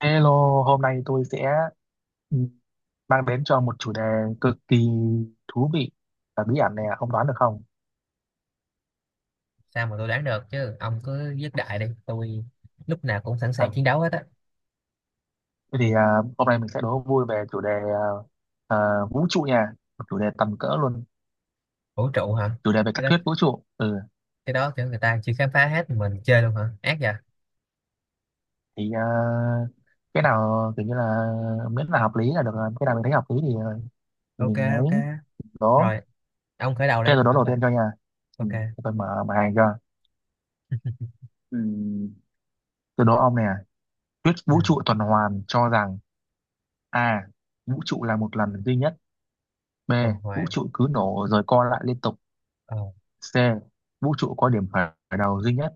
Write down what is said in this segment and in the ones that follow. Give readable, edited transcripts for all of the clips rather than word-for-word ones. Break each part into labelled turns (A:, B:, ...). A: Hello, hôm nay tôi sẽ ừ, mang đến cho một chủ đề cực kỳ thú vị và bí ẩn này, không đoán được không?
B: Sao mà tôi đoán được chứ? Ông cứ dứt đại đi, tôi lúc nào cũng sẵn
A: À,
B: sàng chiến đấu hết á.
A: thế thì hôm nay mình sẽ đố vui về chủ đề à, vũ trụ nha, một chủ đề tầm cỡ luôn,
B: Vũ trụ hả?
A: chủ đề về
B: cái
A: các
B: đó
A: thuyết vũ trụ. Ừ,
B: cái đó kiểu người ta chưa khám phá hết mình chơi luôn hả, ác vậy.
A: thì cái nào kiểu như là miễn là hợp lý là được, rồi. Cái nào mình thấy hợp lý thì
B: OK.
A: mình ấy
B: OK,
A: đố.
B: rồi. Ông khởi đầu đi
A: Thế tôi đố
B: ông,
A: đầu
B: khởi.
A: tiên cho nha. Ừ,
B: OK.
A: để tôi mở bài cho. Ừ, tôi đố ông nè, thuyết
B: Ừ.
A: vũ trụ tuần hoàn cho rằng A. Vũ trụ là một lần duy nhất. B.
B: Tuần
A: Vũ
B: hoàn.
A: trụ cứ nổ rồi co lại liên tục.
B: Ờ.
A: C. Vũ trụ có điểm khởi khởi đầu duy nhất.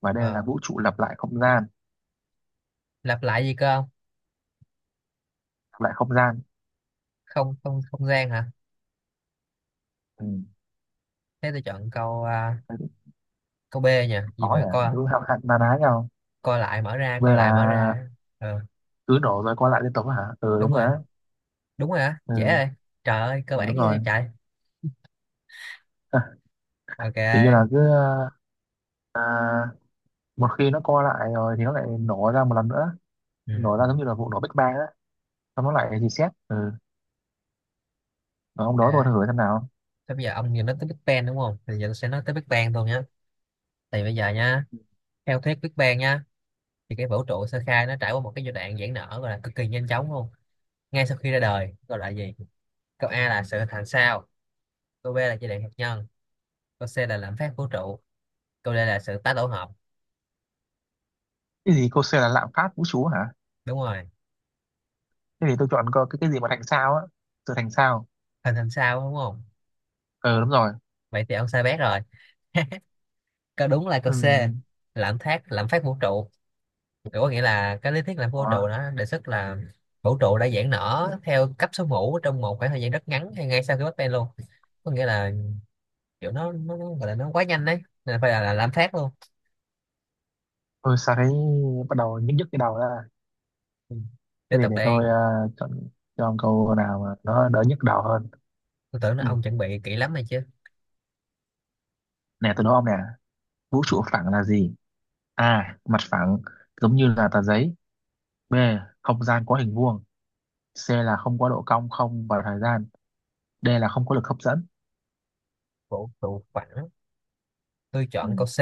A: Và D là
B: Ờ,
A: vũ trụ lặp lại không gian.
B: lặp lại gì cơ ông?
A: Lặp lại không gian.
B: Không không không gian hả?
A: Ừ.
B: Thế tôi chọn
A: Thế cũng
B: câu B nha, gì
A: khó
B: mà
A: nhỉ.
B: coi.
A: Đúng hạn hạn na ná nhau.
B: Coi lại mở ra,
A: V
B: coi lại mở
A: là
B: ra. Ờ
A: cứ nổ rồi co lại liên tục á hả? Ừ
B: đúng
A: đúng rồi
B: rồi,
A: đấy.
B: đúng rồi á, dễ
A: Ừ,
B: rồi. Trời ơi, cơ
A: ừ
B: bản
A: đúng
B: như
A: rồi.
B: vậy trời.
A: À, tự nhiên là
B: OK.
A: cứ à, một khi nó co lại rồi thì nó lại nổ ra một lần nữa.
B: Ừ,
A: Nổ
B: ừ.
A: ra giống như là vụ nổ Big Bang á. Xong nó lại reset. Ừ. Rồi ông đó tôi
B: OK.
A: thử xem nào.
B: Thế bây giờ ông vừa nói tới Big Bang đúng không? Thì giờ tôi sẽ nói tới Big Bang thôi nhé. Thì bây giờ nha, theo thuyết Big Bang nha, thì cái vũ trụ sơ khai nó trải qua một cái giai đoạn giãn nở gọi là cực kỳ nhanh chóng luôn. Ngay sau khi ra đời, gọi là gì? Câu A là sự hình thành sao, câu B là giai đoạn hạt nhân, câu C là lạm phát vũ trụ, câu D là sự tái tổ hợp.
A: Cái gì cô C là lạm phát vũ trụ hả?
B: Đúng rồi,
A: Thế thì tôi chọn có cái gì mà thành sao á, sự thành sao.
B: hình thành sao đúng không?
A: Ờ đúng rồi.
B: Vậy thì ông sai bét rồi. Câu đúng là câu C,
A: Ừm,
B: lạm phát vũ trụ. Kiểu có nghĩa là cái lý thuyết làm vũ trụ
A: có
B: nó đề xuất là vũ trụ đã giãn nở theo cấp số mũ trong một khoảng thời gian rất ngắn hay ngay sau khi Big Bang luôn, có nghĩa là kiểu nó gọi là nó quá nhanh đấy nên phải là làm phát luôn.
A: tôi sao thấy bắt đầu nhức nhức cái đầu ra.
B: Ừ. Tiếp
A: Thế thì
B: tục
A: để tôi
B: đây.
A: chọn cho ông câu nào mà nó đỡ nhức đầu hơn.
B: Tôi tưởng là
A: Ừm,
B: ông chuẩn bị kỹ lắm này chứ.
A: nè tôi đố ông nè, vũ trụ phẳng là gì? A, mặt phẳng giống như là tờ giấy. B, không gian có hình vuông. C là không có độ cong không và thời gian. D là không có lực hấp dẫn.
B: Vũ trụ phẳng, tôi
A: Ừ.
B: chọn câu C.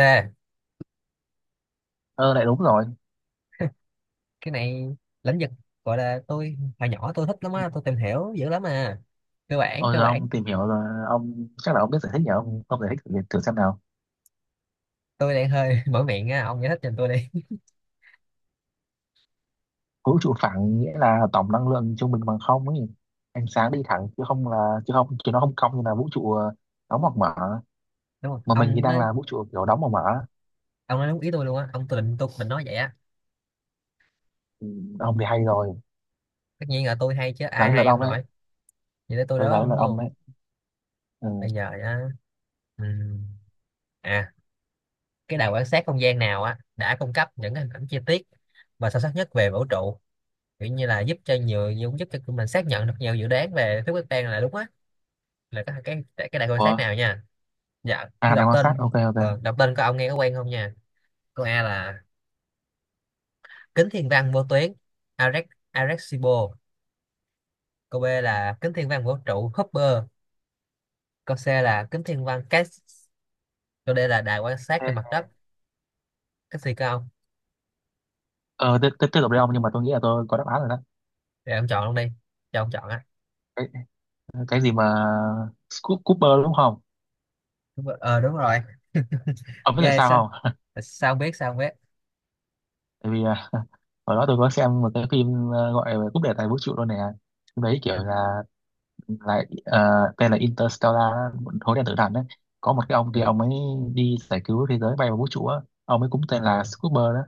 A: Ờ lại đúng rồi.
B: Cái này lĩnh vực gọi là tôi hồi nhỏ tôi thích lắm á, tôi tìm hiểu dữ lắm à. Cơ bản,
A: Ôi
B: cơ
A: giờ
B: bản.
A: ông tìm hiểu rồi ông chắc là ông biết giải thích nhỉ, ông giải thích thử xem nào.
B: Tôi đang hơi mở miệng á, ông giải thích cho tôi đi.
A: Vũ trụ phẳng nghĩa là tổng năng lượng trung bình bằng không ấy, ánh sáng đi thẳng chứ nó không cong như là vũ trụ đóng hoặc mở.
B: Đúng không
A: Mà mình thì
B: ông
A: đang
B: nói?
A: là vũ trụ kiểu đóng hoặc mở.
B: Ông nói đúng ý tôi luôn á ông, tôi định nói vậy á.
A: Ừ, ông thì hay rồi,
B: Tất nhiên là tôi hay chứ
A: là
B: ai
A: đến lượt
B: hay, ông
A: ông đấy.
B: nội. Vậy tới tôi
A: Tôi là
B: đó
A: đến lượt
B: đúng
A: ông
B: không?
A: đấy. Ừ.
B: Bây giờ nhá. ừm, à cái đài quan sát không gian nào á đã cung cấp những cái hình ảnh chi tiết và sâu sắc nhất về vũ trụ, kiểu như là giúp cho nhiều, giúp giúp cho tụi mình xác nhận được nhiều dự đoán về thuyết Big Bang là đúng á, là cái, cái đài quan sát
A: Ủa?
B: nào nha? Dạ
A: À
B: tôi
A: đang
B: đọc
A: quan sát,
B: tên.
A: ok, ok.
B: Đọc tên của ông nghe có quen không nha. Câu A là kính thiên văn vô tuyến Arex, Arecibo. Câu B là kính thiên văn vũ trụ Hubble. Câu C là kính thiên văn Cassiopeia. Câu D là đài quan sát
A: Thế-
B: trên mặt đất. Cách xì cơ ông.
A: ờ tiếp tiếp tiếp tục đi ông, nhưng mà tôi nghĩ là tôi có đáp án rồi đó.
B: Để ông chọn luôn đi, cho ông chọn á.
A: Cái, cái gì mà Scoop Cooper đúng không?
B: Đúng rồi. Ờ đúng rồi.
A: Ông biết tại
B: Ghê sao?
A: sao không?
B: Sao không biết, sao không biết.
A: tại vì hồi đó tôi có xem một cái phim gọi là Cúp đề tài vũ trụ luôn nè. Phim đấy kiểu là tên là Interstellar á, hố đen tử thần đấy, có một cái ông kia
B: Ờ,
A: ông ấy đi giải cứu thế giới bay vào vũ trụ á. Ông ấy cũng
B: ờ.
A: tên là Scooper đó.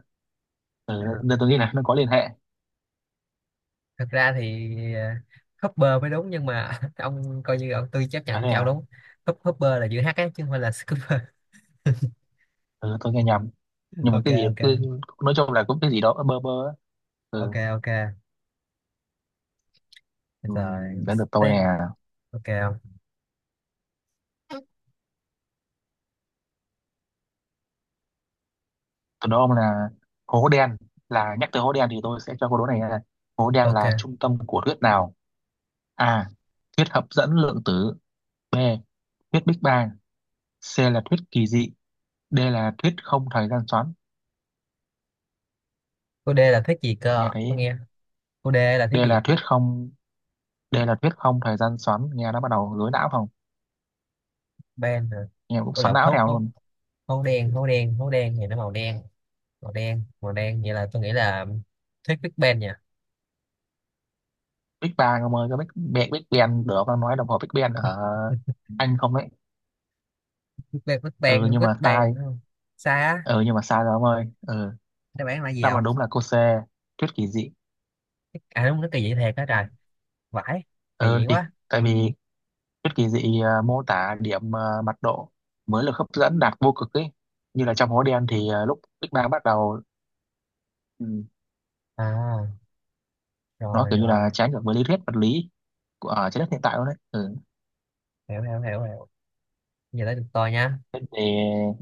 B: À.
A: Ừ, nên tôi nghĩ là nó có liên hệ.
B: Thật ra thì Hopper mới đúng nhưng mà ông coi như ông, tôi chấp
A: À
B: nhận
A: đây
B: cho ông
A: à.
B: đúng. Hopper là chữ H á chứ không phải là Scooper.
A: Ừ, tôi nghe nhầm. Nhưng mà
B: OK,
A: cái gì
B: OK.
A: cứ, nói chung là cũng cái gì đó bơ bơ á.
B: OK,
A: Ừ,
B: OK. Bây
A: ừ
B: giờ
A: đến được tôi nè.
B: tên, OK không?
A: Tôi đố ông là hố đen, là nhắc tới hố đen thì tôi sẽ cho câu đố này là hố đen
B: OK,
A: là trung tâm của thuyết nào. A, thuyết hấp dẫn lượng tử. B, thuyết Big Bang. C là thuyết kỳ dị. D là thuyết không thời gian xoắn.
B: cô D là thuyết gì
A: Nghe
B: cơ
A: thấy
B: tôi nghe? Cô D là
A: D
B: thuyết gì?
A: là thuyết không D là thuyết không thời gian xoắn nghe nó bắt đầu rối não không,
B: Ben hả?
A: nghe cũng
B: Cô
A: xoắn
B: lộc
A: não
B: hố
A: theo
B: hố,
A: luôn.
B: hố đen hố đen thì nó màu đen, màu đen, vậy là tôi nghĩ là thuyết Big Bang nha.
A: Big Bang ông ơi, cái Big Bang Big Bang được đang nói đồng hồ Big Bang ở Anh không đấy.
B: Big Bang, Big
A: Ừ
B: Bang,
A: nhưng
B: Big
A: mà
B: Bang
A: sai.
B: đúng không? Sai á?
A: Ừ nhưng mà sai rồi ông ơi. Ừ,
B: Đáp án là gì
A: đáp án
B: không?
A: đúng là cô C, thuyết kỳ dị.
B: À đúng, nó kỳ dị thiệt đó
A: Ừ.
B: trời. Vãi. Kỳ
A: Ừ,
B: dị
A: thì
B: quá.
A: tại vì thuyết kỳ dị mô tả điểm mặt độ mới lực hấp dẫn đạt vô cực ấy, như là trong hố đen thì lúc Big Bang bắt đầu. Ừ,
B: À
A: nó
B: rồi,
A: kiểu như
B: rồi.
A: là trái ngược với lý thuyết vật lý của trái đất hiện tại luôn đấy. Ừ,
B: Hiểu, hiểu, hiểu, hiểu. Giờ tới được tôi nha.
A: thế thì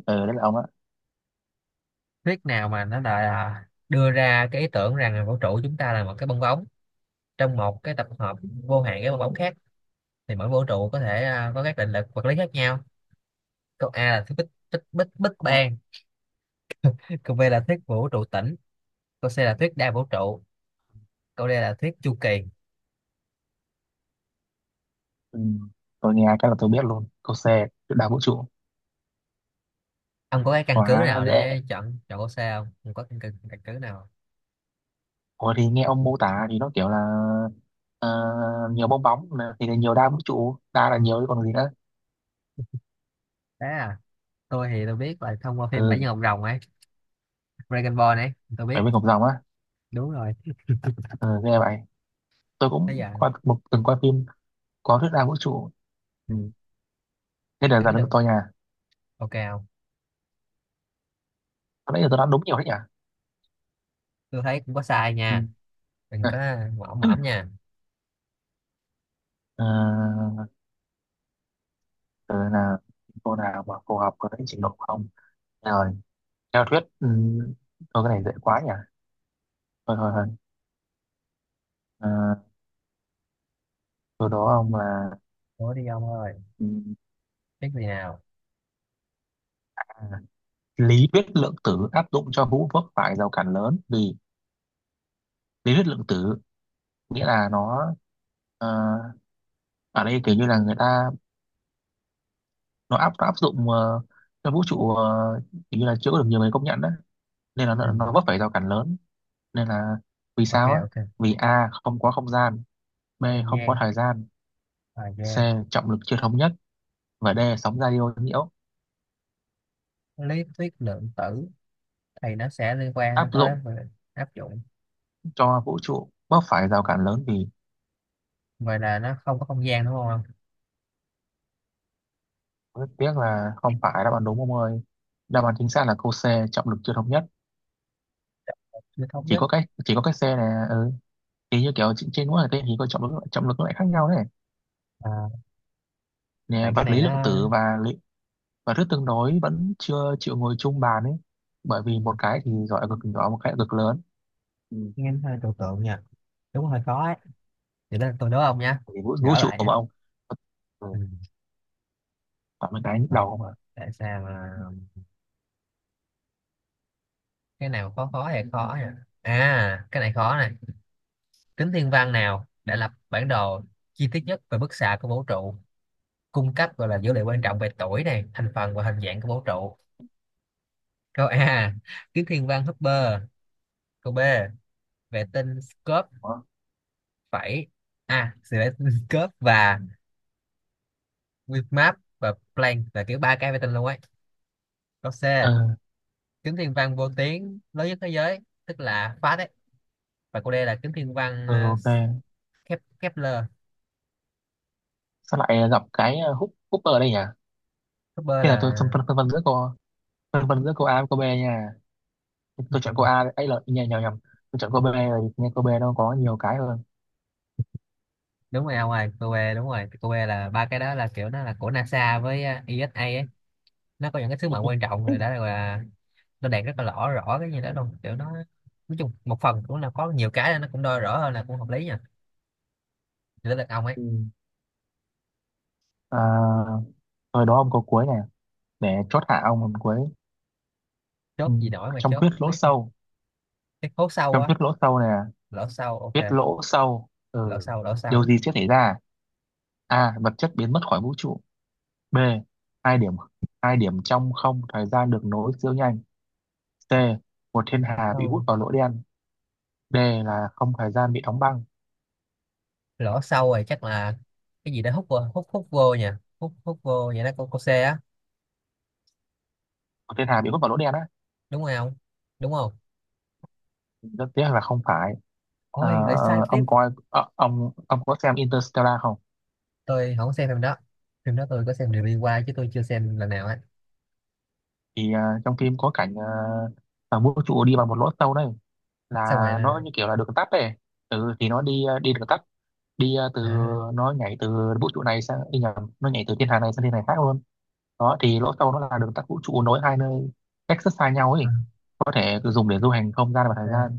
A: đấy là ông á.
B: Thuyết nào mà nó là đưa ra cái ý tưởng rằng là vũ trụ chúng ta là một cái bong bóng trong một cái tập hợp vô hạn cái bong bóng khác, thì mỗi vũ trụ có thể có các định lực vật lý khác nhau? Câu A là thuyết Big Big Big Big Bang. Câu B là thuyết vũ trụ tĩnh. Câu C là thuyết đa vũ trụ. Câu đây là thuyết chu kỳ.
A: Ừ. Tôi nghe cái là tôi biết luôn câu C, trước đảo vũ trụ.
B: Ông có cái căn cứ
A: Quá
B: nào
A: dễ.
B: để chọn chọn câu C không? Ông có căn cứ nào không?
A: Ủa thì nghe ông mô tả thì nó kiểu là ờ, nhiều bong bóng thì là nhiều đa vũ trụ, đa là nhiều chứ còn gì nữa.
B: Thế tôi thì tôi biết là thông qua phim Bảy Nhân
A: Ừ,
B: Ngọc Rồng ấy, Dragon Ball ấy, tôi biết,
A: bảy viên ngọc rồng á.
B: đúng rồi.
A: Ừ nghe vậy, tôi
B: Bây
A: cũng
B: giờ,
A: coi một từng coi phim có thuyết đa vũ trụ.
B: ừ,
A: Ừ. Thế là
B: cái
A: giờ
B: cái
A: nó
B: được,
A: tôi nha.
B: OK không?
A: Có lẽ là tôi đã đúng nhiều đấy nhỉ.
B: Tôi thấy cũng có sai
A: Ừ.
B: nha, đừng có
A: À,
B: mõm mõm nha.
A: ờ, từ là cô nào mà phù hợp với trình độ của ông. Ờ, theo thuyết thôi cái này dễ quá nhỉ, thôi thôi thôi. à, sau đó ông là
B: Ủa đi ông ơi,
A: ừ,
B: biết gì nào?
A: à, lý thuyết lượng tử áp dụng cho hữu vấp phải rào cản lớn vì lý thuyết lượng tử nghĩa là nó ờ, ở đây kiểu như là người ta nó áp dụng cho vũ trụ kiểu như là chưa có được nhiều người công nhận đấy, nên là
B: Ừ,
A: nó vấp phải rào cản lớn. Nên là vì
B: OK,
A: sao á?
B: OK.
A: Vì A, không có không gian. B,
B: Không
A: không có
B: gian,
A: thời gian.
B: thời
A: C,
B: gian.
A: trọng lực chưa thống nhất. Và D, sóng radio nhiễu.
B: Lý thuyết lượng tử thì nó sẽ liên
A: Áp
B: quan tới
A: dụng
B: về áp dụng.
A: cho vũ trụ bớt phải rào cản lớn vì.
B: Vậy là nó không có không gian đúng không?
A: Rất tiếc là không phải đáp án đúng ông ơi. Đáp án chính xác là câu C, trọng lực chưa thống nhất.
B: Chưa thống
A: chỉ
B: nhất.
A: có cái chỉ có cái C này. Ừ. Thì như kiểu trên trên mỗi hành tinh thì có trọng lực, trọng lực nó lại khác nhau đấy.
B: À,
A: Nè,
B: tại cái
A: vật
B: này
A: lý lượng
B: nó
A: tử và thuyết tương đối vẫn chưa chịu ngồi chung bàn ấy, bởi vì một cái thì gọi là cực nhỏ, một cái là cực lớn. Ừ.
B: nghe hơi trừu tượng nhỉ. Đúng, hơi khó ấy. Thì đó, tôi đố ông nhá,
A: Thì vũ
B: gỡ
A: trụ
B: lại
A: mà
B: nhá.
A: ông. Ừ.
B: Ừ.
A: Toàn mấy cái nhức đầu
B: Không,
A: mà.
B: tại sao mà cái nào khó, khó hay khó nhỉ. À cái này khó này. Kính thiên văn nào đã lập bản đồ chi tiết nhất về bức xạ của vũ trụ, cung cấp gọi là dữ liệu quan trọng về tuổi này, thành phần và hình dạng của vũ trụ? Câu A, kính thiên văn Hubble. Câu B, vệ tinh Scopes,
A: Đó.
B: phẩy a, vệ tinh Scopes và Weather và Planck, là kiểu ba cái vệ tinh luôn ấy. Câu C,
A: Ừ,
B: kiếm thiên văn vô tuyến lớn nhất thế giới, tức là Pháp đấy. Và cô đây là kiếm thiên văn
A: ừ, ok.
B: Kepler.
A: Sao lại gặp cái hút hút ở đây nhỉ?
B: Kepler
A: Thế là tôi phân
B: là,
A: phân, phân vân giữa cô, phân vân giữa câu A với câu B nha. Tôi chọn câu A đấy. Ấy là nhầm nhầm nhầm, tôi chọn câu B rồi, nghe câu B nó có nhiều cái hơn.
B: đúng rồi. Ngoài cô bé đúng rồi, cô bé là ba cái đó là kiểu nó là của NASA với ESA ấy. Nó có những cái sứ mệnh quan trọng rồi đã là, nó đạt rất là rõ, rõ cái gì đó luôn kiểu nó, nói chung một phần cũng là có nhiều cái nó cũng đo rõ hơn, là cũng hợp lý nha. Chỉ là ông ấy.
A: ừ. à, rồi đó ông câu cuối này, để chốt hạ ông câu cuối.
B: Chốt
A: Ừ.
B: gì nổi mà
A: Trong
B: chốt
A: thuyết lỗ
B: biết.
A: sâu,
B: Cái hố sâu
A: trong
B: á.
A: thuyết lỗ sâu này,
B: Lỗ sâu, OK.
A: thuyết lỗ sâu.
B: Lỗ
A: Ừ.
B: sâu, lỗ
A: Điều
B: sâu.
A: gì sẽ xảy ra? A, vật chất biến mất khỏi vũ trụ. B, hai điểm, hai điểm trong không thời gian được nối siêu nhanh. C, một thiên hà bị hút
B: Sâu.
A: vào lỗ đen. D là không thời gian bị đóng băng.
B: Lỗ sâu rồi, chắc là cái gì đó hút vô, hút hút vô nha, hút hút vô vậy đó, cô xe á,
A: Một thiên hà bị hút vào lỗ đen á.
B: đúng không? Đúng không?
A: Rất tiếc là không phải. Ờ,
B: Ôi lại sai tiếp.
A: ông coi ông có xem Interstellar không?
B: Tôi không xem phim đó, phim đó tôi có xem review qua chứ tôi chưa xem lần nào á.
A: Thì trong phim có cảnh thằng vũ trụ đi vào một lỗ sâu đấy, là
B: Xong rồi
A: nó
B: là.
A: như kiểu là đường tắt ấy. Ừ, thì nó đi đi đường tắt, đi từ,
B: À,
A: nó nhảy từ vũ trụ này sang, đi nhầm, nó nhảy từ thiên hà này sang thiên hà khác luôn. Đó thì lỗ sâu nó là đường tắt vũ trụ, nối hai nơi cách rất xa nhau
B: à,
A: ấy, có thể cứ dùng để du hành không gian và
B: OK,
A: thời gian.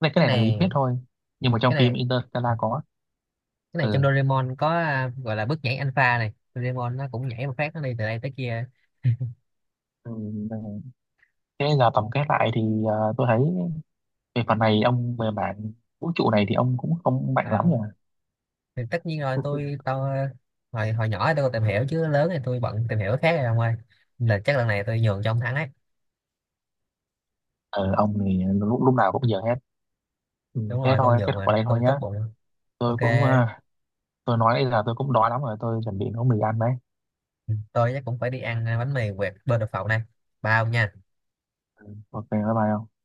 A: cái này, cái
B: cái
A: này là lý
B: này
A: thuyết thôi, nhưng mà trong
B: cái
A: phim
B: này
A: Interstellar có.
B: Cái này trong
A: Ừ.
B: Doraemon có gọi là bước nhảy alpha này, Doraemon nó cũng nhảy một phát nó đi từ đây tới kia.
A: Ừ. Thế giờ tổng kết lại thì tôi thấy về phần này ông, về mảng vũ trụ này thì ông cũng không mạnh
B: À,
A: lắm nhỉ.
B: thì tất nhiên rồi, tôi tôi hồi, hồi nhỏ tôi còn tìm hiểu chứ lớn thì tôi bận tìm hiểu cái khác rồi ông ơi, là chắc lần này tôi nhường cho ông thắng ấy.
A: Ờ, ông thì lúc nào cũng giờ hết. Ừ,
B: Đúng
A: thế
B: rồi, tôi
A: thôi, kết
B: nhượng
A: thúc ở
B: mà,
A: đây thôi
B: tôi tốt
A: nhá.
B: bụng. OK,
A: Tôi cũng tôi nói bây giờ tôi cũng đói lắm rồi, tôi chuẩn bị nấu mì ăn đấy.
B: tôi chắc cũng phải đi ăn bánh mì quẹt bên đập phộng này, bao nha.
A: Ừ, ok, bye bye ông.